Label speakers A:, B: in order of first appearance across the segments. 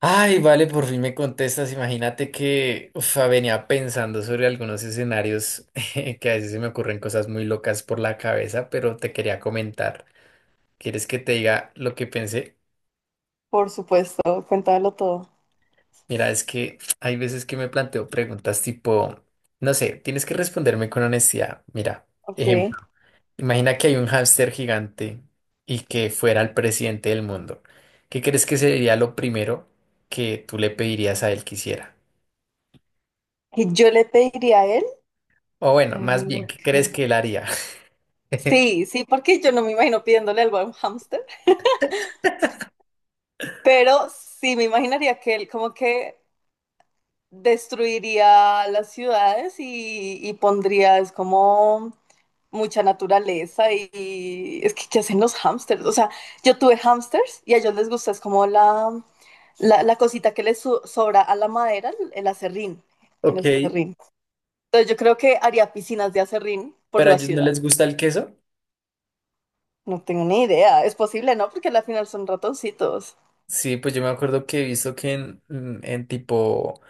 A: Ay, vale, por fin me contestas. Imagínate que uf, venía pensando sobre algunos escenarios que a veces se me ocurren cosas muy locas por la cabeza, pero te quería comentar. ¿Quieres que te diga lo que pensé?
B: Por supuesto, cuéntalo todo.
A: Mira, es que hay veces que me planteo preguntas tipo, no sé, tienes que responderme con honestidad. Mira,
B: Ok.
A: ejemplo, imagina que hay un hámster gigante y que fuera el presidente del mundo. ¿Qué crees que sería lo primero que tú le pedirías a él que hiciera?
B: Y yo le pediría a él.
A: O bueno, más
B: Ay,
A: bien, ¿qué crees
B: ok.
A: que él haría?
B: Sí, sí, porque yo no me imagino pidiéndole algo a un hámster, pero sí me imaginaría que él como que destruiría las ciudades y pondría, es como mucha naturaleza y es que ¿qué hacen los hámsters? O sea, yo tuve hámsters y a ellos les gusta, es como la cosita que les sobra a la madera, el acerrín, el
A: Ok,
B: acerrín. Entonces yo creo que haría piscinas de acerrín por
A: pero a
B: la
A: ellos no
B: ciudad.
A: les gusta el queso.
B: No tengo ni idea. Es posible, ¿no? Porque al final son ratoncitos.
A: Sí, pues yo me acuerdo que he visto que en tipo,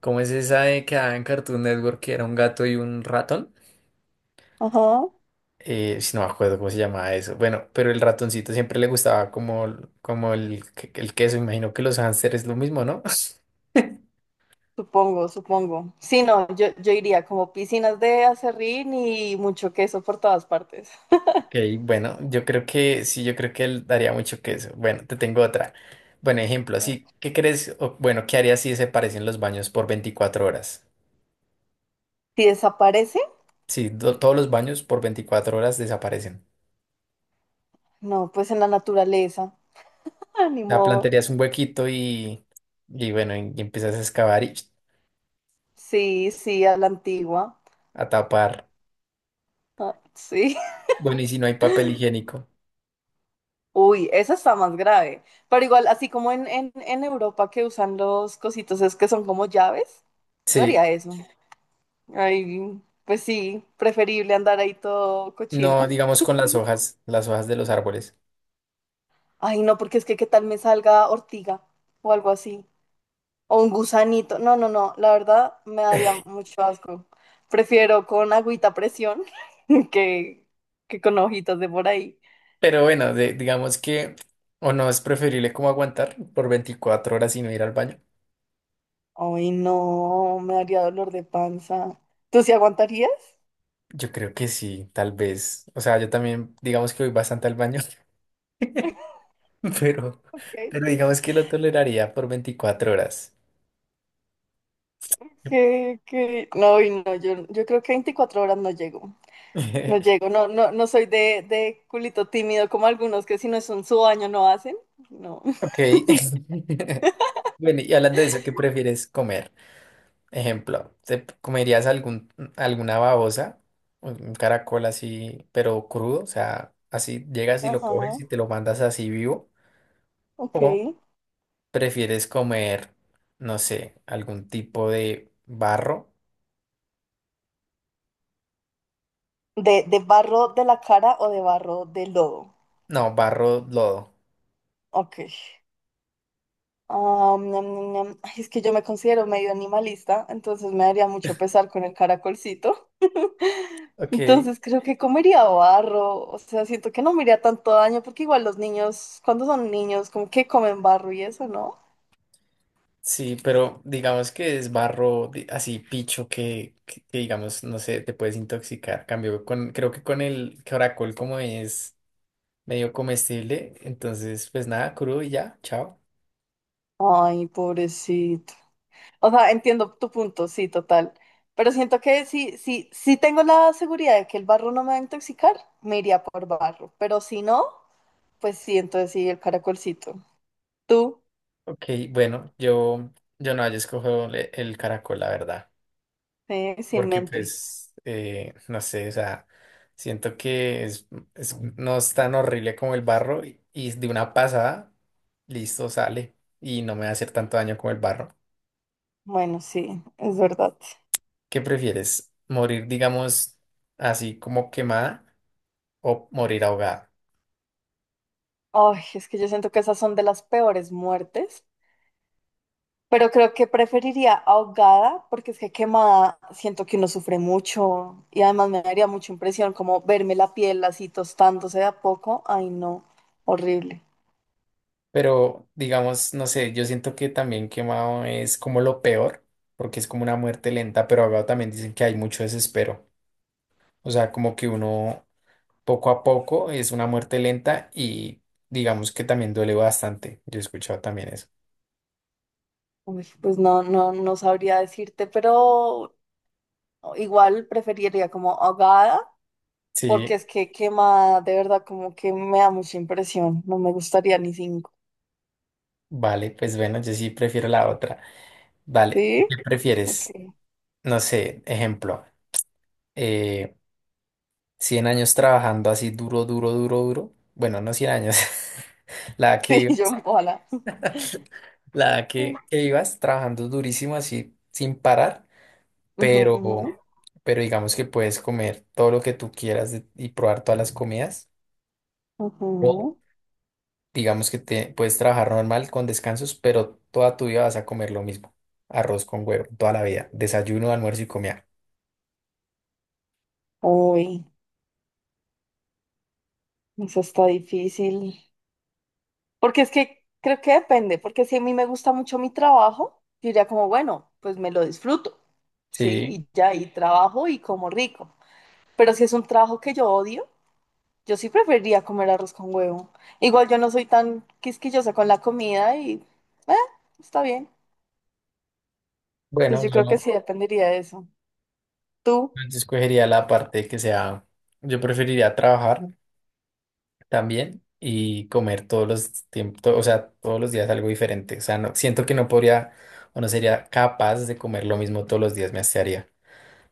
A: ¿cómo es esa de que daba en Cartoon Network que era un gato y un ratón?
B: Ajá.
A: Si no me acuerdo cómo se llamaba eso. Bueno, pero el ratoncito siempre le gustaba como el queso. Imagino que los hámsters es lo mismo, ¿no?
B: Supongo, supongo. Sí, no, yo iría como piscinas de acerrín y mucho queso por todas partes.
A: Ok, bueno, yo creo que sí, yo creo que él daría mucho queso. Bueno, te tengo otra. Bueno, ejemplo, así, ¿qué crees? O, bueno, ¿qué harías si desaparecen los baños por 24 horas?
B: Si desaparece,
A: Sí, todos los baños por 24 horas desaparecen.
B: no, pues en la naturaleza. Ah, ni
A: La
B: modo.
A: plantearías un huequito y bueno, y empiezas a excavar y
B: Sí, sí, a la antigua.
A: a tapar.
B: Ah, sí.
A: Bueno, y si no hay papel higiénico.
B: Uy, esa está más grave. Pero igual, así como en, en Europa que usan los cositos, es que son como llaves, yo
A: Sí,
B: haría eso. Ay, pues sí, preferible andar ahí todo cochino.
A: no, digamos con las hojas de los árboles.
B: Ay, no, porque es que qué tal me salga ortiga o algo así. O un gusanito. No, no, no, la verdad me daría mucho asco. Prefiero con agüita a presión que, que con hojitas de por ahí.
A: Pero bueno, digamos que, o no es preferible como aguantar por 24 horas y no ir al baño.
B: Ay, no, me daría dolor de panza. ¿Tú sí aguantarías?
A: Yo creo que sí, tal vez. O sea, yo también, digamos que voy bastante al baño, pero,
B: ¿Qué?
A: pero digamos que lo toleraría por 24 horas.
B: ¿Qué? No, y no, yo creo que 24 horas no llego. No llego, no, no, no soy de, culito tímido como algunos que si no es un su baño no hacen. No.
A: Ok. Bueno, y hablando de eso, ¿qué prefieres comer? Ejemplo, ¿te comerías algún, alguna babosa, un caracol así, pero crudo? O sea, así llegas y lo
B: Ajá,
A: coges y te lo mandas así vivo.
B: ok.
A: ¿O prefieres comer, no sé, algún tipo de barro?
B: ¿De, barro de la cara o de barro de lodo?
A: No, barro, lodo.
B: Ok. Am, ñam, ñam, ñam. Ay, es que yo me considero medio animalista, entonces me daría mucho pesar con el caracolcito.
A: Ok,
B: Entonces creo que comería barro, o sea, siento que no me haría tanto daño porque igual los niños, cuando son niños, como que comen barro y eso, ¿no?
A: sí, pero digamos que es barro así picho que digamos, no sé, te puedes intoxicar. Cambio creo que con el caracol como es medio comestible, entonces pues nada, crudo y ya, chao.
B: Ay, pobrecito. O sea, entiendo tu punto, sí, total. Pero siento que si, si, si tengo la seguridad de que el barro no me va a intoxicar, me iría por barro. Pero si no, pues sí, entonces sí, el caracolcito. Tú,
A: Ok, bueno, yo no, yo escojo el caracol, la verdad,
B: sin
A: porque
B: mente.
A: pues, no sé, o sea, siento que no es tan horrible como el barro y de una pasada, listo, sale y no me va a hacer tanto daño como el barro.
B: Bueno, sí, es verdad.
A: ¿Qué prefieres? ¿Morir, digamos, así como quemada o morir ahogada?
B: Ay, es que yo siento que esas son de las peores muertes. Pero creo que preferiría ahogada, porque es que quemada siento que uno sufre mucho. Y además me daría mucha impresión como verme la piel así tostándose de a poco. Ay, no, horrible.
A: Pero, digamos, no sé, yo siento que también quemado es como lo peor, porque es como una muerte lenta, pero ahogado también dicen que hay mucho desespero. O sea, como que uno poco a poco es una muerte lenta y digamos que también duele bastante. Yo he escuchado también eso.
B: Uy, pues no, no, no sabría decirte, pero igual preferiría como ahogada, porque
A: Sí,
B: es que quema de verdad, como que me da mucha impresión. No me gustaría ni cinco.
A: vale, pues bueno, yo sí prefiero la otra. Vale, ¿qué
B: ¿Sí? Ok.
A: prefieres? No sé, ejemplo. eh, 100 años trabajando así duro, duro, duro, duro. Bueno, no 100 años. La que
B: Sí, yo
A: ibas,
B: ojalá.
A: la que ibas trabajando durísimo así sin parar,
B: Ujú,
A: pero, pero digamos que puedes comer todo lo que tú quieras y probar todas las comidas. O
B: ujú.
A: digamos que te puedes trabajar normal con descansos, pero toda tu vida vas a comer lo mismo. Arroz con huevo, toda la vida. Desayuno, almuerzo y comida.
B: Uy, eso está difícil. Porque es que creo que depende, porque si a mí me gusta mucho mi trabajo, yo diría como, bueno, pues me lo disfruto, sí,
A: Sí,
B: y ya, y trabajo y como rico. Pero si es un trabajo que yo odio, yo sí preferiría comer arroz con huevo. Igual yo no soy tan quisquillosa con la comida y eh, está bien. Entonces
A: bueno,
B: yo
A: yo,
B: creo que
A: no,
B: sí dependería de eso. ¿Tú?
A: yo escogería la parte que sea, yo preferiría trabajar también y comer todos los tiempos, o sea, todos los días algo diferente. O sea, no, siento que no podría o no sería capaz de comer lo mismo todos los días, me hastiaría.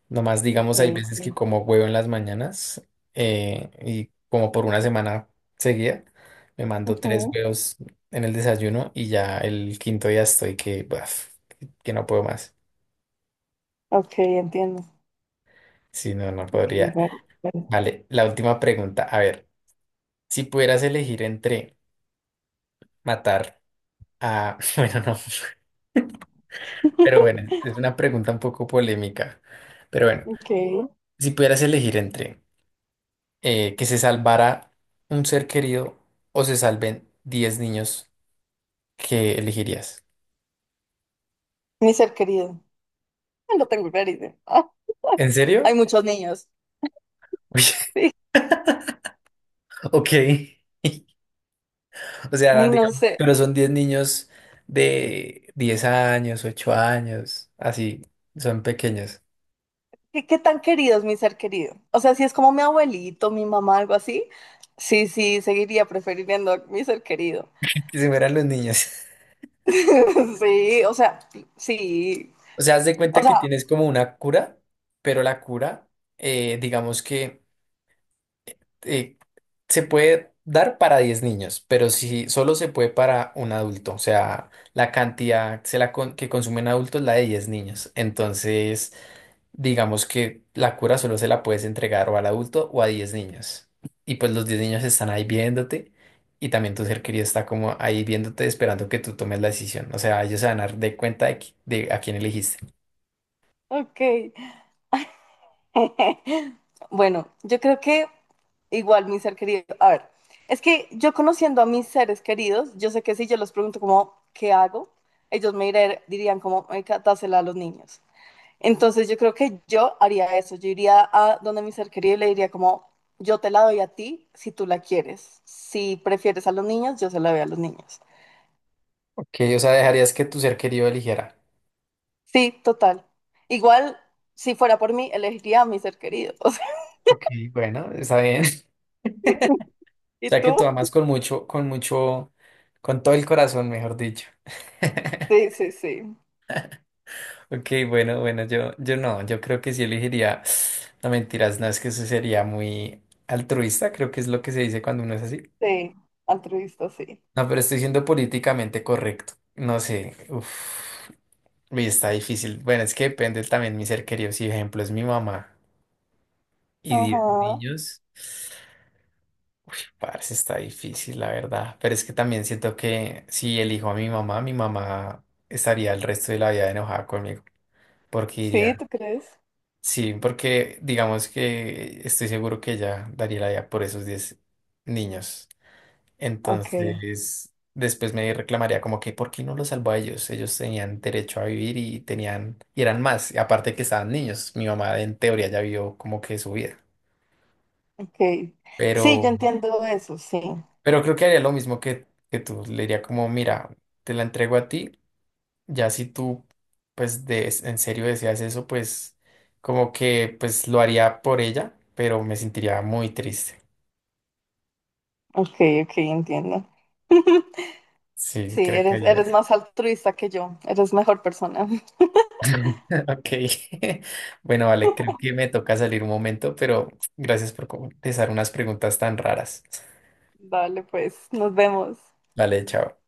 A: Nomás,
B: Ok,
A: digamos, hay veces que
B: ok.
A: como huevo en las mañanas y como por una semana seguida, me mando tres
B: Ujú.
A: huevos en el desayuno y ya el quinto día estoy que, baf, que no puedo más.
B: Ok, entiendo.
A: Si no, no
B: Ok,
A: podría.
B: ver- ver.
A: Vale, la última pregunta. A ver, si pudieras elegir entre matar a... Bueno, no. Pero bueno, es una pregunta un poco polémica. Pero bueno,
B: Ok.
A: si pudieras elegir entre que se salvara un ser querido o se salven 10 niños, ¿qué elegirías?
B: Mi ser querido. No tengo clarísimo. Ah,
A: ¿En
B: hay
A: serio?
B: muchos niños.
A: Uy,
B: Sí.
A: ok. O sea,
B: Ay, no
A: digamos,
B: sé.
A: pero son 10 niños de 10 años, 8 años, así, son pequeños.
B: ¿Qué, qué tan querido es mi ser querido? O sea, si es como mi abuelito, mi mamá, algo así, sí, sí, seguiría prefiriendo a mi ser querido.
A: Que se mueran los niños.
B: Sí, o sea, sí.
A: O sea, haz de
B: O
A: cuenta que
B: sea,
A: tienes como una cura, pero la cura, digamos que eh, se puede dar para 10 niños, pero si solo se puede para un adulto, o sea, la cantidad se la que consumen adultos es la de 10 niños. Entonces, digamos que la cura solo se la puedes entregar o al adulto o a 10 niños. Y pues los 10 niños están ahí viéndote y también tu ser querido está como ahí viéndote esperando que tú tomes la decisión. O sea, ellos se van a dar de cuenta de, de a quién elegiste.
B: ok. Bueno, yo creo que igual mi ser querido. A ver, es que yo conociendo a mis seres queridos, yo sé que si yo les pregunto como, ¿qué hago? Ellos me dirían como, "Marica, dásela a los niños". Entonces yo creo que yo haría eso. Yo iría a donde mi ser querido y le diría como, yo te la doy a ti si tú la quieres. Si prefieres a los niños, yo se la doy a los niños.
A: Ok, o sea, dejarías que tu ser querido eligiera.
B: Sí, total. Igual, si fuera por mí, elegiría a mi ser querido. O sea,
A: Ok, bueno, está bien.
B: ¿y
A: Sea
B: tú?
A: que tú amas con mucho, con mucho, con todo el corazón, mejor dicho.
B: Sí, sí, sí.
A: Ok, bueno, bueno, yo no, yo creo que sí elegiría, no mentiras, no es que eso sería muy altruista, creo que es lo que se dice cuando uno es así.
B: Sí, altruista, sí.
A: No, pero estoy siendo políticamente correcto, no sé, uff, y está difícil. Bueno, es que depende también mi ser querido, si ejemplo es mi mamá y 10
B: Ajá.
A: niños. Parce, está difícil, la verdad. Pero es que también siento que si elijo a mi mamá estaría el resto de la vida enojada conmigo. Porque
B: Sí,
A: diría,
B: ¿tú crees?
A: sí, porque digamos que estoy seguro que ella daría la vida por esos 10 niños.
B: Ok,
A: Entonces, después me reclamaría como que, ¿por qué no los salvó a ellos? Ellos tenían derecho a vivir y tenían, y eran más. Y aparte que estaban niños, mi mamá en teoría ya vio como que su vida.
B: ok. Sí, yo
A: Pero...
B: entiendo eso, sí.
A: Pero creo que haría lo mismo que tú. Le diría como, mira, te la entrego a ti. Ya si tú, pues, en serio deseas eso, pues, como que, pues, lo haría por ella, pero me sentiría muy triste.
B: Ok, ok, entiendo.
A: Sí,
B: Sí,
A: creo que haría
B: eres
A: eso.
B: más altruista que yo. Eres mejor persona.
A: Ok. Bueno, vale, creo que me toca salir un momento, pero gracias por contestar unas preguntas tan raras.
B: Dale, pues, nos vemos.
A: Vale, chao.